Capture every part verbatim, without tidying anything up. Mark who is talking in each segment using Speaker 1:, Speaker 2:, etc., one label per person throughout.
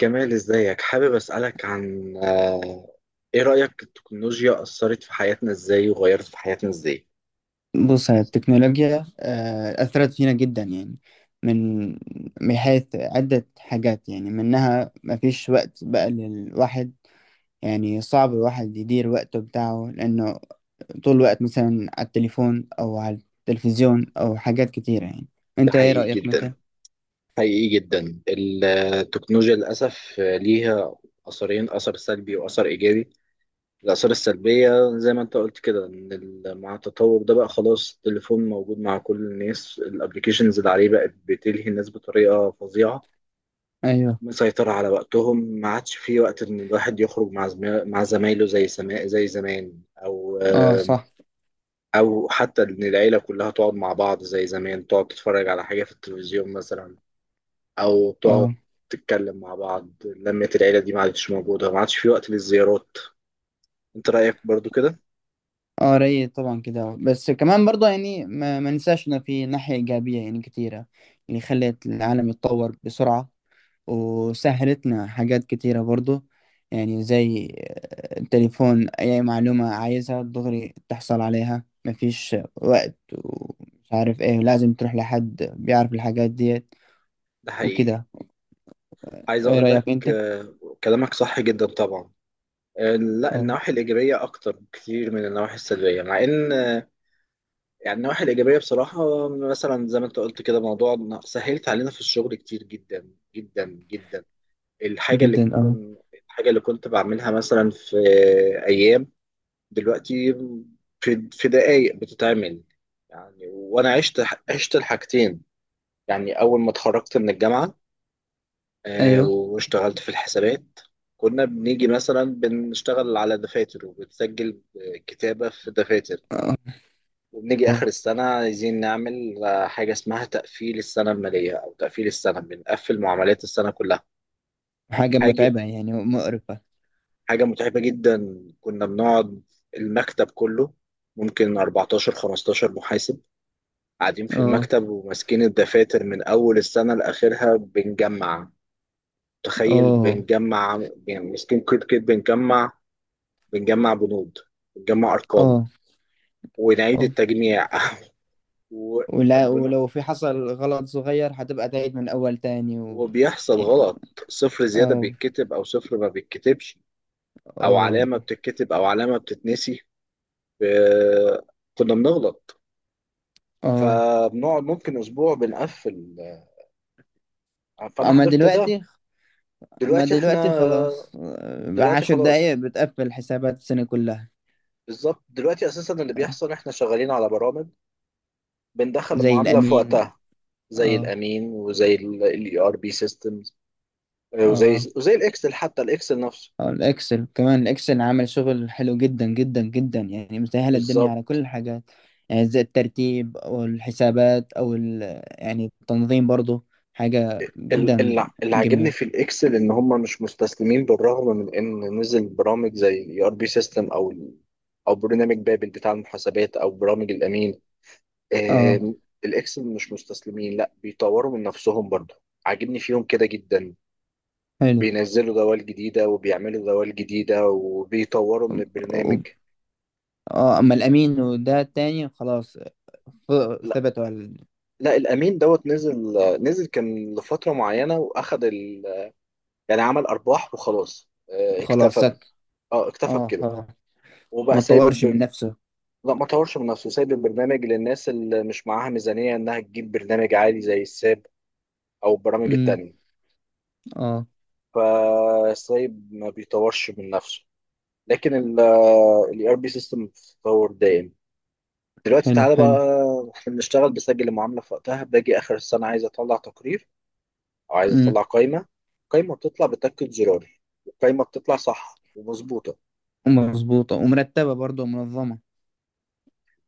Speaker 1: كمال، ازيك؟ حابب اسألك عن آه، ايه رأيك التكنولوجيا أثرت في حياتنا ازاي وغيرت في حياتنا ازاي؟
Speaker 2: بص هي التكنولوجيا آه، أثرت فينا جدا يعني من من حيث عدة حاجات يعني منها مفيش وقت بقى للواحد يعني صعب الواحد يدير وقته بتاعه لأنه طول الوقت مثلا على التليفون أو على التلفزيون أو حاجات كتيرة يعني.
Speaker 1: ده
Speaker 2: أنت إيه
Speaker 1: حقيقي
Speaker 2: رأيك
Speaker 1: جدا.
Speaker 2: مثلا؟
Speaker 1: حقيقي جدا، التكنولوجيا للأسف ليها أثرين: أثر سلبي وأثر إيجابي. الآثار السلبية زي ما انت قلت كده ان ال- مع التطور ده بقى خلاص التليفون موجود مع كل الناس، الابليكيشنز اللي عليه بقت بتلهي الناس بطريقة فظيعة،
Speaker 2: أيوه.
Speaker 1: مسيطرة على وقتهم. ما عادش في وقت إن الواحد يخرج مع زما- مع زمايله زي سما... زي زمان، أو
Speaker 2: أه
Speaker 1: آم،
Speaker 2: صح.
Speaker 1: أو حتى إن العيلة كلها تقعد مع بعض زي زمان، تقعد تتفرج على حاجة في التلفزيون مثلا، أو تقعد
Speaker 2: أه.
Speaker 1: تتكلم مع بعض. لمة العيلة دي ما عادش موجودة، ما عادش في وقت للزيارات. أنت رأيك برضو كده؟
Speaker 2: أه رأيي طبعا كده، بس كمان برضه يعني ما ما ننساش إنه في ناحية إيجابية يعني كتيرة اللي خلت العالم يتطور بسرعة وسهلتنا حاجات كتيرة برضو، يعني زي آه، التليفون أي معلومة عايزها دغري تحصل عليها، مفيش وقت ومش عارف ايه لازم تروح لحد بيعرف الحاجات ديت
Speaker 1: ده حقيقي.
Speaker 2: وكده.
Speaker 1: عايز
Speaker 2: ايه
Speaker 1: أقول
Speaker 2: رأيك
Speaker 1: لك
Speaker 2: انت؟
Speaker 1: آه، كلامك صح جدا طبعا. آه، لا،
Speaker 2: اه.
Speaker 1: النواحي الإيجابية أكتر بكتير من النواحي السلبية. مع إن يعني النواحي الإيجابية بصراحة، مثلا زي ما أنت قلت كده، موضوع إن سهلت علينا في الشغل كتير جدا جدا جدا. الحاجة اللي
Speaker 2: جدا اه.
Speaker 1: كنت الحاجة اللي كنت بعملها مثلا في أيام، دلوقتي في في دقايق بتتعمل. يعني وأنا عشت عشت الحاجتين. يعني أول ما اتخرجت من الجامعة آه،
Speaker 2: ايوه.
Speaker 1: واشتغلت في الحسابات، كنا بنيجي مثلا بنشتغل على دفاتر وبنسجل كتابة في دفاتر،
Speaker 2: اه.
Speaker 1: وبنيجي
Speaker 2: اه.
Speaker 1: آخر السنة عايزين نعمل آه، حاجة اسمها تقفيل السنة المالية أو تقفيل السنة، بنقفل معاملات السنة كلها.
Speaker 2: حاجة
Speaker 1: حاجة
Speaker 2: متعبة يعني ومقرفة.
Speaker 1: حاجة متعبة جدا. كنا بنقعد المكتب كله، ممكن أربعتاشر خمستاشر محاسب قاعدين في
Speaker 2: اه.
Speaker 1: المكتب وماسكين الدفاتر من أول السنة لآخرها بنجمع. تخيل،
Speaker 2: اه.
Speaker 1: بنجمع يعني ماسكين كود كده بنجمع، بنجمع بنود، بنجمع أرقام،
Speaker 2: اه.
Speaker 1: ونعيد
Speaker 2: اه.
Speaker 1: التجميع و...
Speaker 2: ولا ولو في حصل غلط صغير هتبقى تعيد من أول تاني و...
Speaker 1: وبيحصل
Speaker 2: يعني،
Speaker 1: غلط: صفر زيادة
Speaker 2: اه.
Speaker 1: بيتكتب أو صفر ما بيتكتبش، أو
Speaker 2: اه.
Speaker 1: علامة بتتكتب أو علامة بتتنسي. ب- كنا بنغلط،
Speaker 2: اه.
Speaker 1: فبنقعد ممكن أسبوع بنقفل. آه، فأنا
Speaker 2: اما
Speaker 1: حضرت ده.
Speaker 2: دلوقتي. اما
Speaker 1: دلوقتي إحنا
Speaker 2: دلوقتي
Speaker 1: آه،
Speaker 2: خلاص، آه،
Speaker 1: دلوقتي
Speaker 2: عشر
Speaker 1: خلاص.
Speaker 2: دقايق بتقفل حسابات السنة كلها.
Speaker 1: بالظبط، دلوقتي أساسا اللي
Speaker 2: آه،
Speaker 1: بيحصل إحنا شغالين على برامج، بندخل
Speaker 2: زي
Speaker 1: المعاملة في
Speaker 2: الامين.
Speaker 1: وقتها، زي
Speaker 2: اه.
Speaker 1: الأمين وزي ال إي آر بي systems، آه،
Speaker 2: اه.
Speaker 1: وزي وزي الإكسل، حتى الإكسل نفسه
Speaker 2: آه، الاكسل كمان، الاكسل عمل شغل حلو جدا جدا جدا، يعني مسهل الدنيا على كل
Speaker 1: بالظبط.
Speaker 2: الحاجات. يعني زي الترتيب او الحسابات او ال... يعني التنظيم برضو، حاجة
Speaker 1: ال-
Speaker 2: جدا
Speaker 1: ال- اللي عاجبني في
Speaker 2: جميلة.
Speaker 1: الاكسل ان هم مش مستسلمين، بالرغم من ان نزل برامج زي الاي ار بي سيستم او ال- او برنامج بابل بتاع المحاسبات او برامج الامين.
Speaker 2: اه.
Speaker 1: آم، الاكسل مش مستسلمين، لا بيطوروا من نفسهم برضه. عاجبني فيهم كده جدا،
Speaker 2: حلو.
Speaker 1: بينزلوا دوال جديده وبيعملوا دوال جديده وبيطوروا من البرنامج.
Speaker 2: و- اه اما الامين وده التاني خلاص. ف-
Speaker 1: لا
Speaker 2: ثبتوا على ال-
Speaker 1: لا، الامين دوت نزل نزل، كان لفتره معينه واخد ال... يعني عمل ارباح وخلاص. آه،
Speaker 2: خلاص
Speaker 1: اكتفى ب-
Speaker 2: سك.
Speaker 1: اه، اكتفى
Speaker 2: اه
Speaker 1: بكده.
Speaker 2: خلاص.
Speaker 1: وبقى
Speaker 2: ما
Speaker 1: سايب
Speaker 2: تطورش من
Speaker 1: البر...
Speaker 2: نفسها.
Speaker 1: لا، ما طورش من نفسه. سايب البرنامج للناس اللي مش معاها ميزانية انها تجيب برنامج عالي زي الساب او البرامج
Speaker 2: امم.
Speaker 1: التانية.
Speaker 2: اه.
Speaker 1: فسايب، ما بيطورش من نفسه. لكن ال ار بي سيستم بتتطور دايم. دلوقتي
Speaker 2: حلو
Speaker 1: تعالى بقى،
Speaker 2: حلو.
Speaker 1: احنا بنشتغل بسجل المعاملة في وقتها، باجي اخر السنة عايز اطلع تقرير او عايز اطلع
Speaker 2: امم.
Speaker 1: قائمة. القائمة بتطلع، بتاكد زرار، القائمة بتطلع صح ومظبوطة.
Speaker 2: ومظبوطة ومرتبة برضه ومنظمة.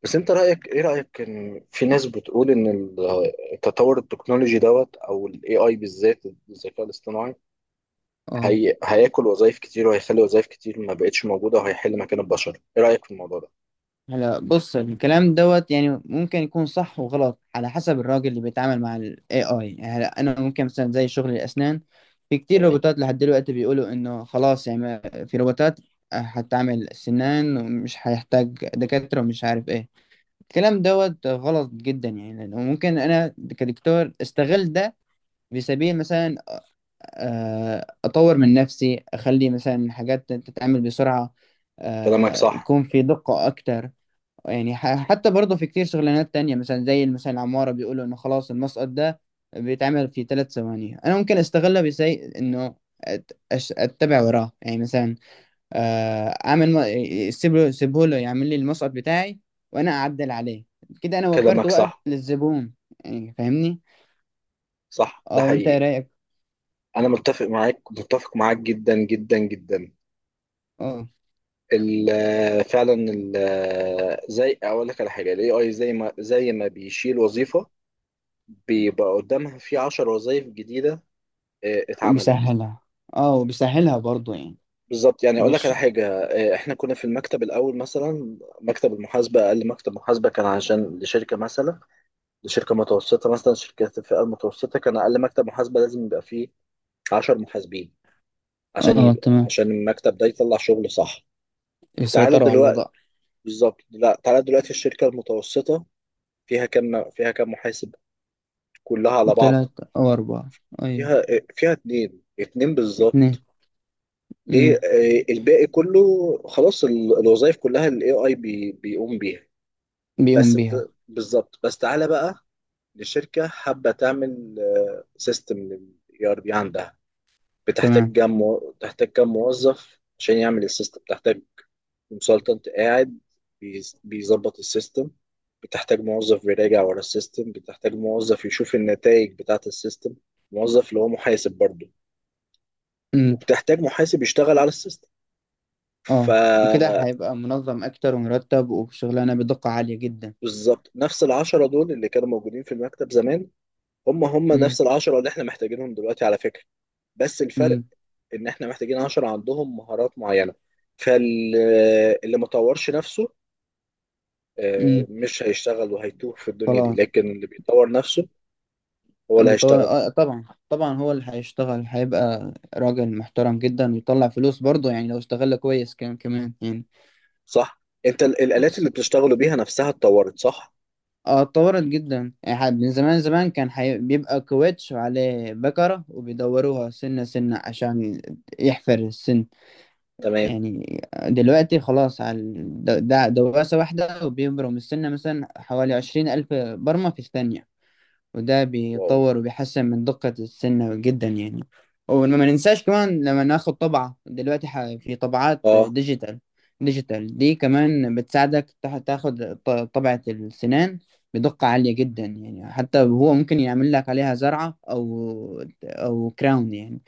Speaker 1: بس انت رأيك، ايه رأيك ان في ناس بتقول ان ال- التطور التكنولوجي دوت، او الاي اي بالذات، الذكاء الاصطناعي،
Speaker 2: اه.
Speaker 1: هي هياكل وظائف كتير وهيخلي وظائف كتير ما بقتش موجودة وهيحل مكان البشر؟ ايه رأيك في الموضوع ده؟
Speaker 2: هلا بص، الكلام دوت يعني ممكن يكون صح وغلط على حسب الراجل اللي بيتعامل مع ال اي آي. يعني هلا انا ممكن مثلا زي شغل الاسنان، في كتير
Speaker 1: تمام.
Speaker 2: روبوتات لحد دلوقتي بيقولوا انه خلاص يعني ما- في روبوتات هتعمل سنان ومش هيحتاج دكاترة ومش عارف ايه. الكلام دوت غلط جدا، يعني لأنه ممكن انا كدكتور استغل ده في سبيل مثلا آه، اطور من نفسي، اخلي مثلا حاجات تتعمل بسرعه،
Speaker 1: كلامك
Speaker 2: آه،
Speaker 1: صح،
Speaker 2: يكون في دقه اكتر. يعني ح- حتى برضه في كتير شغلانات تانية، مثلا زي مثلا العماره، بيقولوا انه خلاص المسقط ده بيتعمل في ثلاث ثواني. انا ممكن استغلها بزي انه أت- أش- اتبع وراه، يعني مثلا آه، اعمل م- سيبه سيبه له يعمل لي المسقط بتاعي وانا اعدل عليه. كده انا وفرت
Speaker 1: كلامك
Speaker 2: وقت
Speaker 1: صح.
Speaker 2: للزبون، يعني فاهمني.
Speaker 1: صح، ده
Speaker 2: اه وانت إيه
Speaker 1: حقيقي.
Speaker 2: رايك؟
Speaker 1: انا متفق معاك، متفق معاك جدا جدا جدا.
Speaker 2: أه.
Speaker 1: ال- فعلا، ال- زي اقول لك على حاجة: الاي اي زي ما زي ما بيشيل وظيفة بيبقى قدامها في عشر وظائف جديدة اه، اتعملت.
Speaker 2: وبيسهلها. اه وبيسهلها برضو يعني.
Speaker 1: بالظبط. يعني اقول لك
Speaker 2: مش
Speaker 1: على حاجه، آه، احنا كنا في المكتب الاول. مثلا مكتب المحاسبه، اقل مكتب محاسبه كان عشان لشركه مثلا لشركه متوسطه، مثلا شركات الفئه المتوسطه، كان اقل مكتب محاسبه لازم يبقى فيه عشر محاسبين، عشان
Speaker 2: اه.
Speaker 1: يبقى،
Speaker 2: تمام.
Speaker 1: عشان المكتب ده يطلع شغل صح. تعالى
Speaker 2: يسيطروا على
Speaker 1: دلوقتي
Speaker 2: الوضع.
Speaker 1: بالظبط. لا، تعالى دلوقتي الشركه المتوسطه فيها كام فيها كام محاسب كلها على بعض؟
Speaker 2: تلاتة أو أربعة. أيوة.
Speaker 1: فيها فيها اتنين، اتنين
Speaker 2: اتنين.
Speaker 1: بالظبط. ليه؟
Speaker 2: أمم.
Speaker 1: آه، الباقي كله خلاص، ال- الوظائف كلها الاي اي بيقوم بيها.
Speaker 2: بيقوم
Speaker 1: بس
Speaker 2: بيها.
Speaker 1: بت... بالظبط. بس تعالى بقى، لشركة حابة تعمل سيستم للاي ار بي عندها، بتحتاج
Speaker 2: تمام.
Speaker 1: كام مو... بتحتاج كام موظف عشان يعمل السيستم؟ بتحتاج كونسلتنت قاعد بيز- بيظبط السيستم، بتحتاج موظف بيراجع ورا السيستم، بتحتاج موظف يشوف النتائج بتاعة السيستم، موظف اللي هو محاسب برضه،
Speaker 2: أمم.
Speaker 1: وبتحتاج محاسب يشتغل على السيستم.
Speaker 2: اه وكده
Speaker 1: فبالظبط،
Speaker 2: هيبقى منظم أكتر ومرتب وشغلانة بدقة عالية جدا.
Speaker 1: نفس العشرة دول اللي كانوا موجودين في المكتب زمان، هم هم
Speaker 2: أمم.
Speaker 1: نفس العشرة اللي احنا محتاجينهم دلوقتي على فكرة. بس الفرق
Speaker 2: أمم.
Speaker 1: ان احنا محتاجين عناصر عندهم مهارات معينه. فاللي ما طورش نفسه آه،
Speaker 2: أمم.
Speaker 1: مش هيشتغل وهيتوه في الدنيا دي،
Speaker 2: خلاص.
Speaker 1: لكن اللي بيطور نفسه هو اللي
Speaker 2: بيطور...
Speaker 1: هيشتغل.
Speaker 2: آه طبعا طبعا، هو اللي هيشتغل، هيبقى راجل محترم جدا ويطلع فلوس برضه، يعني لو اشتغل كويس كمان كمان.
Speaker 1: صح. انت ال- الالات اللي
Speaker 2: يعني
Speaker 1: بتشتغلوا بيها نفسها اتطورت صح؟
Speaker 2: اه، اتطورت جدا يعني ح- من زمان زمان كان حي... بيبقى كويتش وعليه بكرة وبيدوروها سنة سنة عشان يحفر السن
Speaker 1: تمام.
Speaker 2: يعني. دلوقتي خلاص، على ال- د- د- دواسة واحدة وبيبرم السنة مثلا حوالي عشرين ألف برمة في الثانية، وده
Speaker 1: واو.
Speaker 2: بيطور وبيحسن من دقة السنة جدا يعني. وما ما ننساش كمان، لما ناخد طبعة دلوقتي ح- في طبعات
Speaker 1: اه.
Speaker 2: ديجيتال. ديجيتال دي كمان بتساعدك تح- تاخد ط- طبعة السنان بدقة عالية جدا، يعني حتى هو ممكن يعمل لك عليها زرعة أو أو كراون يعني.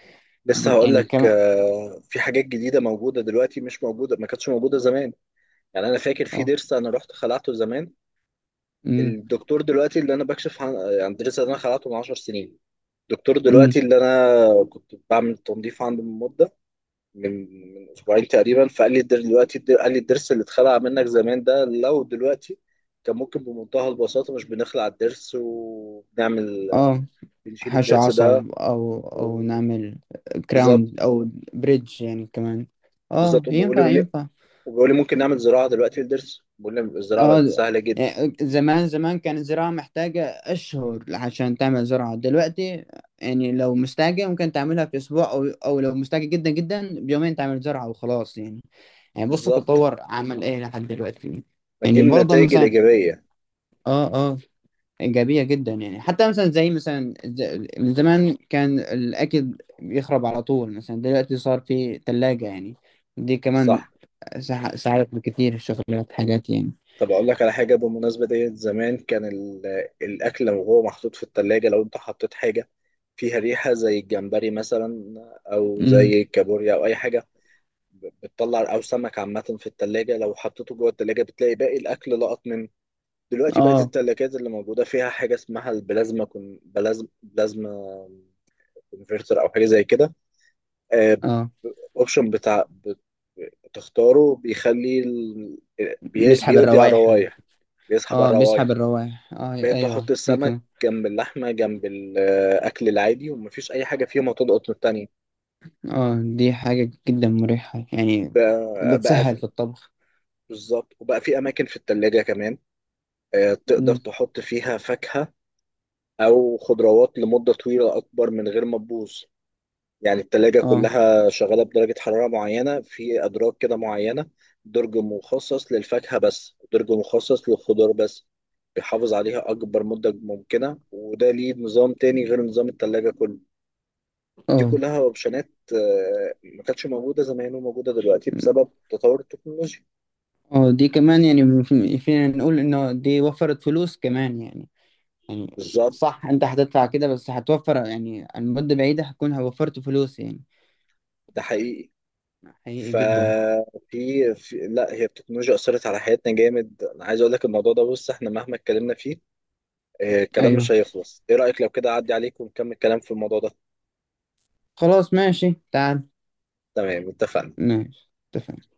Speaker 1: لسه
Speaker 2: دي-
Speaker 1: هقول
Speaker 2: يعني
Speaker 1: لك
Speaker 2: كمان
Speaker 1: آه، في حاجات جديده موجوده دلوقتي، مش موجوده، ما كانتش موجوده زمان. يعني انا فاكر في
Speaker 2: اه.
Speaker 1: ضرس انا رحت خلعته زمان.
Speaker 2: أمم،
Speaker 1: الدكتور دلوقتي اللي انا بكشف عن عن ضرس انا خلعته من عشر سنين، دكتور
Speaker 2: أمم،
Speaker 1: دلوقتي اللي انا كنت بعمل تنظيف عنده من مده، من من اسبوعين تقريبا، فقال لي الدر- دلوقتي الدر- قال لي الضرس اللي اتخلع منك زمان ده لو دلوقتي كان ممكن بمنتهى البساطه، مش بنخلع الضرس وبنعمل،
Speaker 2: اه.
Speaker 1: بنشيل
Speaker 2: حشو
Speaker 1: الضرس ده.
Speaker 2: عصب أو أو
Speaker 1: و-
Speaker 2: نعمل كراون
Speaker 1: بالظبط.
Speaker 2: أو بريدج يعني كمان. اه
Speaker 1: بالظبط. وبيقول لي
Speaker 2: ينفع
Speaker 1: ون-
Speaker 2: ينفع.
Speaker 1: وبيقول لي ممكن نعمل زراعه دلوقتي للضرس، بقول لي الزراعه بقت
Speaker 2: اه
Speaker 1: سهله جدا.
Speaker 2: يعني زمان زمان كان الزراعة محتاجة أشهر عشان تعمل زراعة. دلوقتي يعني لو مستعجل ممكن تعملها في أسبوع أو أو لو مستعجل جدا جدا بيومين تعمل زراعة وخلاص يعني. يعني بص
Speaker 1: بالظبط.
Speaker 2: التطور عمل إيه لحد دلوقتي.
Speaker 1: ما دي
Speaker 2: يعني برضه
Speaker 1: النتائج
Speaker 2: مثلا
Speaker 1: الايجابيه.
Speaker 2: اه اه إيجابية جدا، يعني حتى مثلا زي مثلا ز- من زمان كان الأكل بيخرب على طول، مثلا دلوقتي صار في تلاجة يعني. دي كمان
Speaker 1: صح.
Speaker 2: ساعدت بكتير الشغلات حاجات يعني.
Speaker 1: طب اقول لك على حاجه بالمناسبه ديت: زمان كان ال- الاكل لو هو محطوط في التلاجة، لو انت حطيت حاجه فيها ريحه زي الجمبري مثلا، او
Speaker 2: امم.
Speaker 1: زي الكابوريا او اي حاجه، ب- بتطلع، او سمك عامه في التلاجة، لو حطيته جوه التلاجة بتلاقي باقي الاكل لقط منه. دلوقتي بقت
Speaker 2: اه.
Speaker 1: التلاجات اللي موجوده فيها حاجه اسمها البلازما كون، بلازما بلازما كونفرتر او حاجه زي كده،
Speaker 2: اه
Speaker 1: اوبشن بتاع بت- بتختاره، بيخلي ال... بي...
Speaker 2: مسحب
Speaker 1: بيقضي على
Speaker 2: الروائح.
Speaker 1: الروايح، بيسحب
Speaker 2: اه
Speaker 1: على الروايح.
Speaker 2: مسحب الروائح اه
Speaker 1: بقيت احط
Speaker 2: ايوه دي
Speaker 1: السمك
Speaker 2: كمان.
Speaker 1: جنب اللحمه جنب الاكل العادي ومفيش اي حاجه فيهم هتضغط من التانيه.
Speaker 2: اه دي حاجة جدا مريحة يعني،
Speaker 1: بقى, بقى
Speaker 2: بتسهل في الطبخ.
Speaker 1: بالظبط. وبقى في اماكن في التلاجة كمان آه، تقدر
Speaker 2: مم.
Speaker 1: تحط فيها فاكهه او خضروات لمده طويله اكبر من غير ما تبوظ. يعني التلاجة
Speaker 2: اه.
Speaker 1: كلها شغاله بدرجه حراره معينه، في ادراج كده معينه: درج مخصص للفاكهه بس، درج مخصص للخضار بس، بيحافظ عليها اكبر مده ممكنه، وده ليه نظام تاني غير نظام التلاجة كله. دي
Speaker 2: اه.
Speaker 1: كلها اوبشنات آه، ما كانتش موجوده زمان وموجوده دلوقتي بسبب تطور التكنولوجيا.
Speaker 2: اه دي كمان، يعني في- فينا نقول انه دي وفرت فلوس كمان يعني. يعني
Speaker 1: بالظبط.
Speaker 2: صح، انت هتدفع كده بس هتوفر يعني، على المدة بعيدة هتكون وفرت فلوس يعني.
Speaker 1: ده حقيقي.
Speaker 2: حقيقي جدا.
Speaker 1: ففي في لا، هي التكنولوجيا اثرت على حياتنا جامد. انا عايز اقول لك الموضوع ده، بص، احنا مهما اتكلمنا فيه آه، الكلام
Speaker 2: ايوه.
Speaker 1: مش هيخلص. ايه رايك لو كده اعدي عليك ونكمل كلام في الموضوع ده؟
Speaker 2: خلاص ماشي، تعال.
Speaker 1: تمام، اتفقنا.
Speaker 2: ماشي اتفقنا.